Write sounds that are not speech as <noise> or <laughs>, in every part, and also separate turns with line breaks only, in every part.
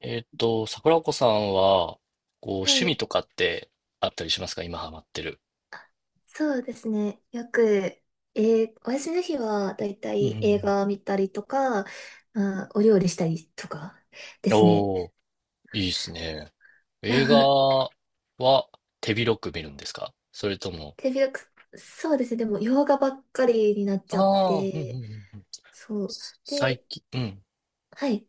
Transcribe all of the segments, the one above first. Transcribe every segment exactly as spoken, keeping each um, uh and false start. えーっと、桜子さんは、こう、
は
趣味
い、
とかってあったりしますか？今ハマってる。
そうですね。よく、えーお休みの日はだいた
うんうんう
い映
ん。
画見たりとか、まあー、お料理したりとかですね。
おー、いいですね。映画
<laughs>
は手広く見るんですか？それとも、
手広く、そうですね。でも、洋画ばっかりになっちゃっ
ああ、うんうんうん
て、
うん。
そう。
す最
で、
近、うん。
はい。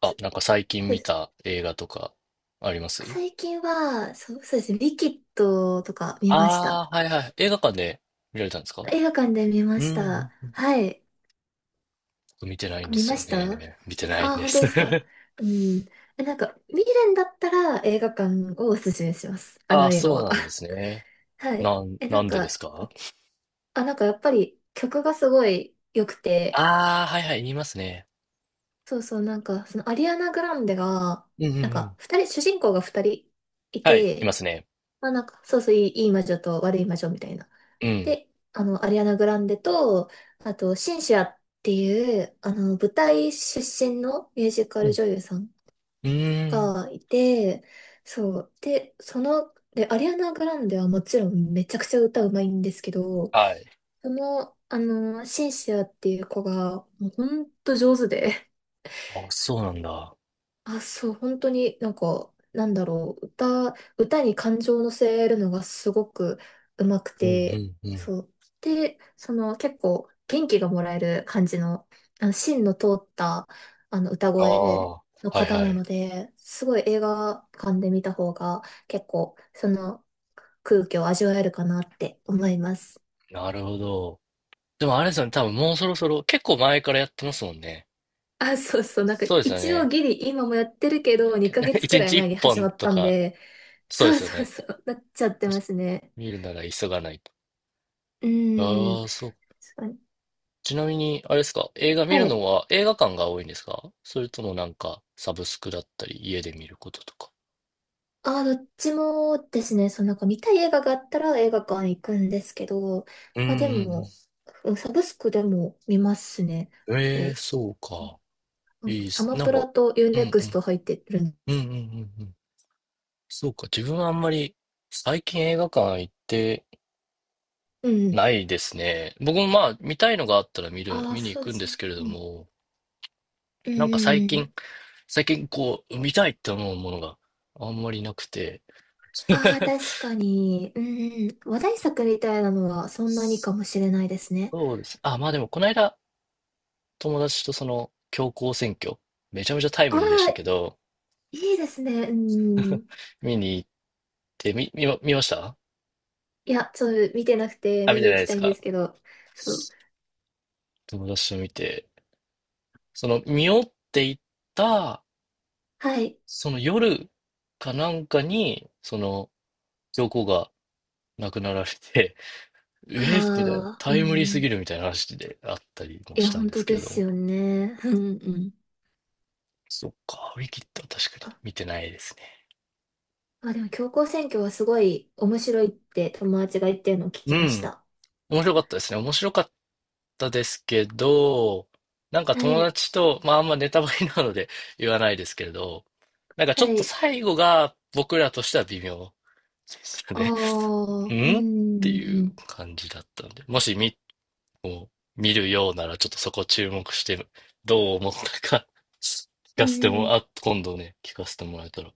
あ、
そ
なんか最近
そうで
見
す。
た映画とかあります？
最近は、そう、そうですね。リキッドとか見ました。
ああー、はいはい。映画館で見られたんですか？
映画館で見ま
う
し
ん
た。
うん。
はい。
僕見てないんで
見
す
ま
よ
した。あ
ね。見てないん
あ、
で
本当
す。
ですか。
<laughs>
うん。え、なんか、見るんだったら映画館をおすすめします。あ
あ
の
あ、
映画
そう
は。
なんですね。
<laughs> はい。
なん、
え、な
な
ん
んでです
か、
か？
あ、なんかやっぱり曲がすごい良くて、
ああ、はいはい、言いますね。
そうそう、なんか、そのアリアナ・グランデが、
うんうんう
なんか、
ん。
二人、主人公が二人い
はい、い
て、
ますね。
まあなんか、そうそう、いい、いい魔女と悪い魔女みたいな。
うん。
で、あの、アリアナ・グランデと、あと、シンシアっていう、あの、舞台出身のミュージカ
う
ル
ん。
女優さん
うーん。
がいて、そう。で、その、で、アリアナ・グランデはもちろんめちゃくちゃ歌うまいんですけど、
はい。
その、あの、シンシアっていう子が、もうほんと上手で、
あ、そうなんだ。
あ、そう、本当になんか、なんだろう、歌、歌に感情を乗せるのがすごくうまく
うん
て、
うんうん。
そう。で、その結構元気がもらえる感じの、あの芯の通ったあの歌
ああ、
声
は
の
い
方
は
なの
い。
で、すごい映画館で見た方が結構その空気を味わえるかなって思います。
なるほど。でもあれですよね、多分もうそろそろ、結構前からやってますもんね。
あ、そうそう、なんか
そうですよ
一応
ね。
ギリ今もやってるけ
いや、
ど、
け
2ヶ
<laughs>
月
一
くらい
日
前
一
に始ま
本
っ
と
たん
か、
で、
そうで
そう
すよ
そう
ね。
そう、なっちゃって
確
ま
か
すね。
に見るなら急がないと。
うーん。
ああ、そう。
確かに。
ちなみに、あれですか、映画見
は
るの
い。
は映画館が多いんですか？それともなんか、サブスクだったり、家で見ることとか。
ああ、どっちもですね、そのなんか見たい映画があったら映画館行くんですけど、
うん
まあで
う
も、
ん
うん、サブスクでも見ますね。
うん。ええー、
そ
そう
う。
か。
うん、
いいっ
ア
す。
マ
なん
プ
か、
ラとユー
う
ネ
ん
ク
う
ス
ん。
ト入ってるん。
うんうんうんうん。そうか。自分はあんまり最近映画館行って
うん。
ないですね。僕もまあ見たいのがあったら見る、
ああ、
見に行
そうで
くん
す
で
よ
すけ
ね。
れ
う
ど
ん。
も、
う
なんか最近、
ん。
最近こう見たいって思うものがあんまりなくて。
ああ、
<laughs>
確かに。うん。話題作みたいなのはそんなに
そ
かもしれないですね。
うです。あ、まあでもこの間友達とその強行選挙、めちゃめちゃタイ
あ
ムリーでした
あ、
けど、
いいですね。うん。
見に行って、み、見ま、見ました
いや、ちょっと見てなくて
あ、見
見
て
に
な
行
い
き
で
た
す
いんで
か？
すけど。そう。
友達と見て、その見よっていった、
はい。
その夜かなんかに、その、教皇が亡くなられて、<laughs>
あ
えー、みたいな、
あ、
タ
う
イムリーす
ん。
ぎるみたいな話であったりも
い
し
や、
たん
本
で
当
すけ
で
れど
す
も。
よね。うんうん。
そっか、ウィキッドは確かに
あ、
見てないですね。
まあでも、強行選挙はすごい面白いって友達が言ってるのを聞
う
きまし
ん。
た。
面白かったですね。面白かったですけど、なんか
は
友
い。
達と、まああんまネタバレなので <laughs> 言わないですけれど、なんか
は
ちょっと
い。
最後が僕らとしては微妙。でした
あ
ね。
あ、う
んっていう
ん。
感じだったんで、もし見、見るようならちょっとそこ注目して、どう思ったか <laughs> 聞
う
かせて
ん。
も、あ、今度ね、聞かせてもらえたら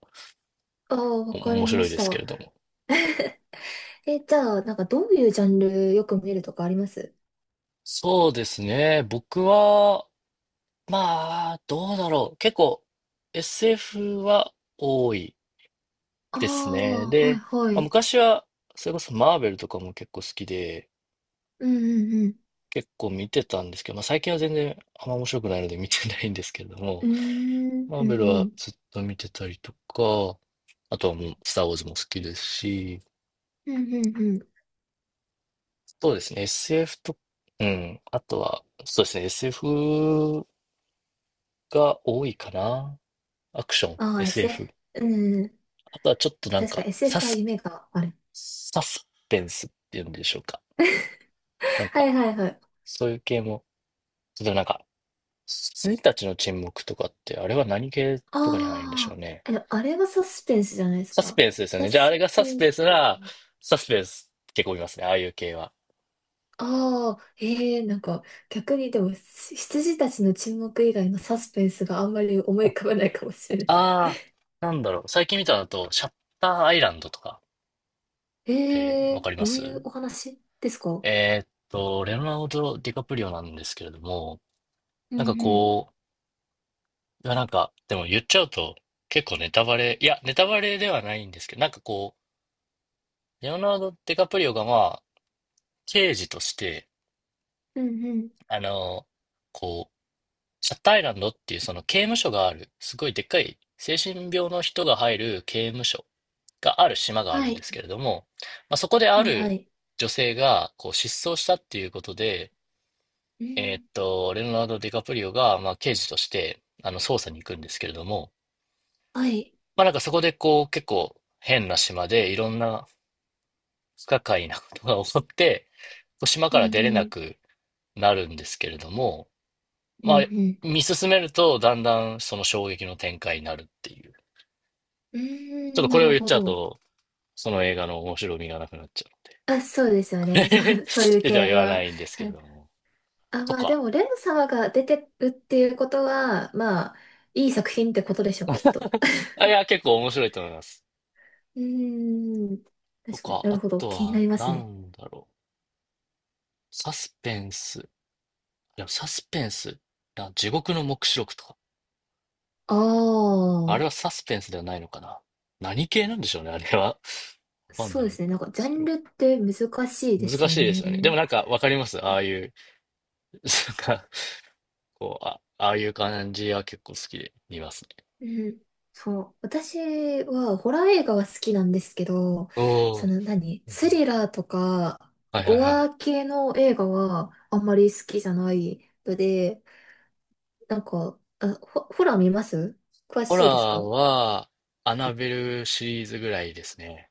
ああ、
お
わか
面
りま
白い
し
ですけ
た。
れども。
<laughs> え、じゃあ、なんかどういうジャンルよく見るとかあります？
そうですね。僕は、まあ、どうだろう。結構 エスエフ は多い
あ
ですね。
あー、はい
で、
は
まあ、
い。
昔は、それこそマーベルとかも結構好きで、
うんうん
結構見てたんですけど、まあ最近は全然あんま面白くないので見てないんですけれども、
うん。う
マ
ーん、う
ーベル
んう
は
ん。
ずっと見てたりとか、あとはもう、スター・ウォーズも好きですし、
うんうんうん。
そうですね、エスエフ と、うん、あとは、そうですね、エスエフ が多いかな。アクション、
ああ、
エスエフ。
エスエフ。うん。
あとはちょっとなん
確か
か、サ
エスエフ は
ス、
夢がある。
サスペンスっていうんでしょうか。なん
<laughs> は
か、
いはいはい。
そういう系も、例えばなんか、羊たちの沈黙とかって、あれは何系とかに入るんでしょう
あ
ね。
あ、え、あれはサスペンスじゃないです
サス
か。
ペンスですよ
サ
ね。じゃあ、あ
ス
れがサ
ペ
ス
ン
ペン
ス、
スなら、サスペンス結構見ますね、ああいう系は。
ああ、ええ、なんか逆にでもし羊たちの沈黙以外のサスペンスがあんまり思い浮かばないかもしれない。
ああ、なんだろう。最近見たのだと、シャッターアイランドとかって
え
わ
え、
かりま
どう
す？
いうお話ですか？
えーっと、レオナルド・ディカプリオなんですけれども、
うん
な
う
んか
ん、
こう、いやなんか、でも言っちゃうと結構ネタバレ、いや、ネタバレではないんですけど、なんかこう、レオナルド・ディカプリオがまあ、刑事として、
うんうん。
あの、こう、シャッターアイランドっていうその刑務所がある、すごいでっかい精神病の人が入る刑務所がある島がある
は
んで
い、
すけれども、まあ、そこであ
はいは
る
い。
女性がこう失踪したっていうことで、
う
えー
ん、
っと、レオナルド・ディカプリオが、まあ、刑事としてあの捜査に行くんですけれども、
はい、
まあ、なんかそこでこう結構変な島でいろんな不可解なことが起こって、こう島
う
から出
ん
れ
う
な
ん、
くなるんですけれども、
う
ま
ん
あ、
うん。
見進めると、だんだんその衝撃の展開になるっていう。
う
ちょ
ー
っと
ん、
こ
な
れを
る
言っ
ほ
ちゃう
ど。
と、その映画の面白みがなくなっちゃ
あ、そうですよ
うの
ね。そ
で。
う、そうい
<laughs>
う
で、じゃあ言
系
わな
は。
いんですけれども。
あ、
と
まあで
か。
も、レン様が出てるっていうことは、まあ、いい作品ってことでしょう、きっと。
あ、いや、結構面白いと思います。
うーん、
と
確かに
か、
な
あ
るほど、
と
気にな
は、
ります
な
ね。
んだろう。サスペンス。いや、サスペンス。な地獄の黙示録とか。
あ
あれ
あ、
はサスペンスではないのかな。何系なんでしょうね、あれは。わかん
そ
な
うで
いで
すね。なんか、ジ
す
ャ
け
ン
ど。
ルって難しいです
難
よ
しいですよね。でも
ね。
なんかわかります。ああいう、なんかこう、あ、ああいう感じは結構好きで見ますね。
うん、そう。私はホラー映画は好きなんですけど、
お
そ
ー。
の何、
う
ス
ん、
リラーとか、
はいはい
ゴ
はい。
ア系の映画はあんまり好きじゃないので、なんか、あ、ホ、ホラー見ます？詳
ホラ
しい
ー
ですか？
は、アナベルシリーズぐらいですね。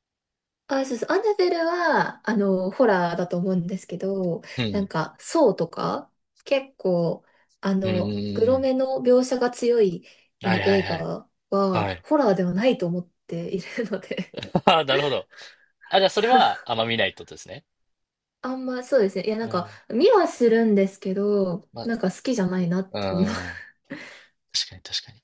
あ、そうそう。アナベルは、あの、ホラーだと思うんですけど、
う
なん
ん。
か、ソーとか、結構、あ
うんうんうん
の、グ
う
ロ
ん。
めの描写が強い、あ
はい
の、
はい
映
はい。
画
は
は、
い。
ホラーではないと思っているので、
<laughs> ああ、なるほど。あ、じゃあ
<laughs>
それ
そう、
はあんま見ないってことですね。
あんま、そうですね。いや、な
う
んか、
ん。
見はするんですけど、
まあ、
なんか好きじゃないなっ
う
て思う。
ん。
<laughs>
確かに確かに。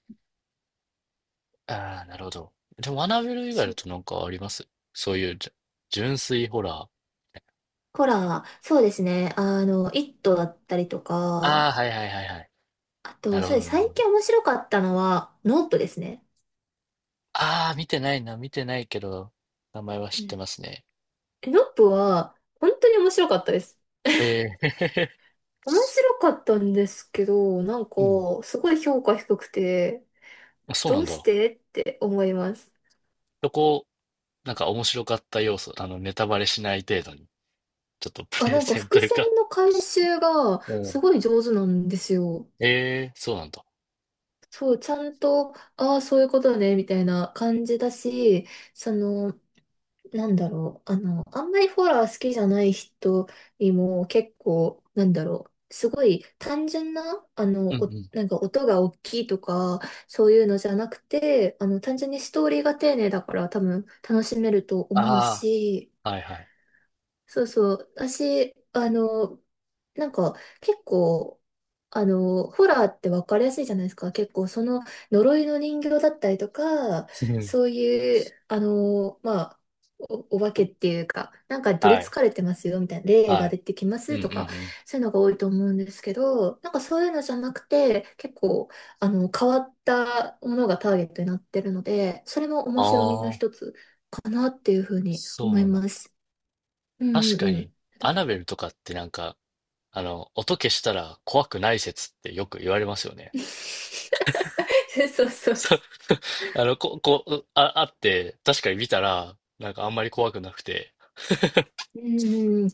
ああ、なるほど。でも、アナベル以外
そ
だ
う、
となんかあります？そういうじゅ、純粋ホラー。
ホラー、そうですね。あの、イットだったりと
あ
か、
あ、はいはいはいはい。
あ
な
と、
るほ
そうで
ど
す。
なる
最
ほど。
近面白かったのは、ノープですね。
ああ、見てないな、見てないけど、名前は知ってますね。
え、ノップは、本当に面白かったです。
えー、
面白かったんですけど、なんか、
<laughs> うん。
すごい評価低くて、
あそうな
ど
ん
うし
だ。
てって思います。
そこ、なんか面白かった要素、あの、ネタバレしない程度に、ちょっとプ
あ、
レ
なんか
ゼンと
伏
いう
線
か。
の回収が
う
す
ん。
ごい上手なんですよ。
<laughs> ええー、そうなんだ。
そう、ちゃんと、ああ、そういうことね、みたいな感じだし、その、なんだろう、あの、あんまりホラー好きじゃない人にも結構、なんだろう、すごい単純な、あ
うん
の、
う
お、
ん。
なんか音が大きいとか、そういうのじゃなくて、あの、単純にストーリーが丁寧だから多分楽しめると思う
あ
し、
あ、はいはい。
そうそう。私、あの、なんか結構、あの、ホラーって分かりやすいじゃないですか。結構その呪いの人形だったりとか、
うん、
そういう、あの、まあ、お、お化けっていうか、なんかに取
は
り
い、
憑かれてますよみたいな、霊
は
が
い。
出てきま
うん
す
うんう
とか、
ん。
そういうのが多いと思うんですけど、なんかそういうのじゃなくて、結構、あの、変わったものがターゲットになってるので、それも面白みの
ああ、
一つかなっていうふうに思
そ
い
うなん
ま
だ。
す。うん
確
うん
か
う
に、
ん。ど
アナベルとかってなんか、あの、音消したら怖くない説ってよく言われますよね。
<laughs> そうそうそう。
そう、<laughs> あの、こ、こう、あ、あって、確かに見たら、なんかあんまり怖くなくて。
うんうん、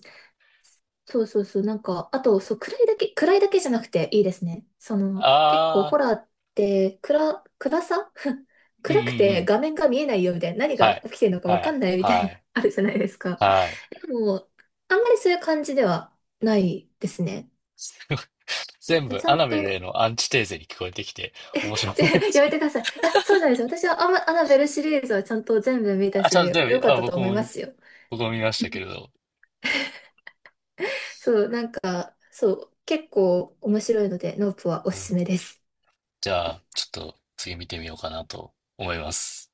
そうそうそう。なんか、あと、そう、暗いだけ、暗いだけじゃなくていいですね。その、結構
ああ、
ホラーって、暗、暗さ <laughs>
うんうん
暗
う
くて
ん。
画面が見えないよみたいな、何
は
が
い。
起きてるのか
は
わか
い。
んないみた
は
いな、
い。
<laughs> あるじゃないですか。
はい。
でも、あんまりそういう感じではないですね。
<laughs> すごい全部、
ちゃ
ア
ん
ナベルへ
と、
のアンチテーゼに聞こえてきて、面
<laughs>
白
ちょ
いです
や
け
め
ど。
てください。いや、そうじゃないです。私はアマアナベルシリーズはちゃんと全部見
<laughs>
た
あ、ちゃんと
し、
全
良
部、
かっ
あ、
たと
僕
思い
も、
ますよ。
僕も見ましたけれ
<laughs>
ど。
そう、なんかそう、結構面白いので、ノープはお
う
す
ん、
すめです。
じゃあ、ちょっと次見てみようかなと思います。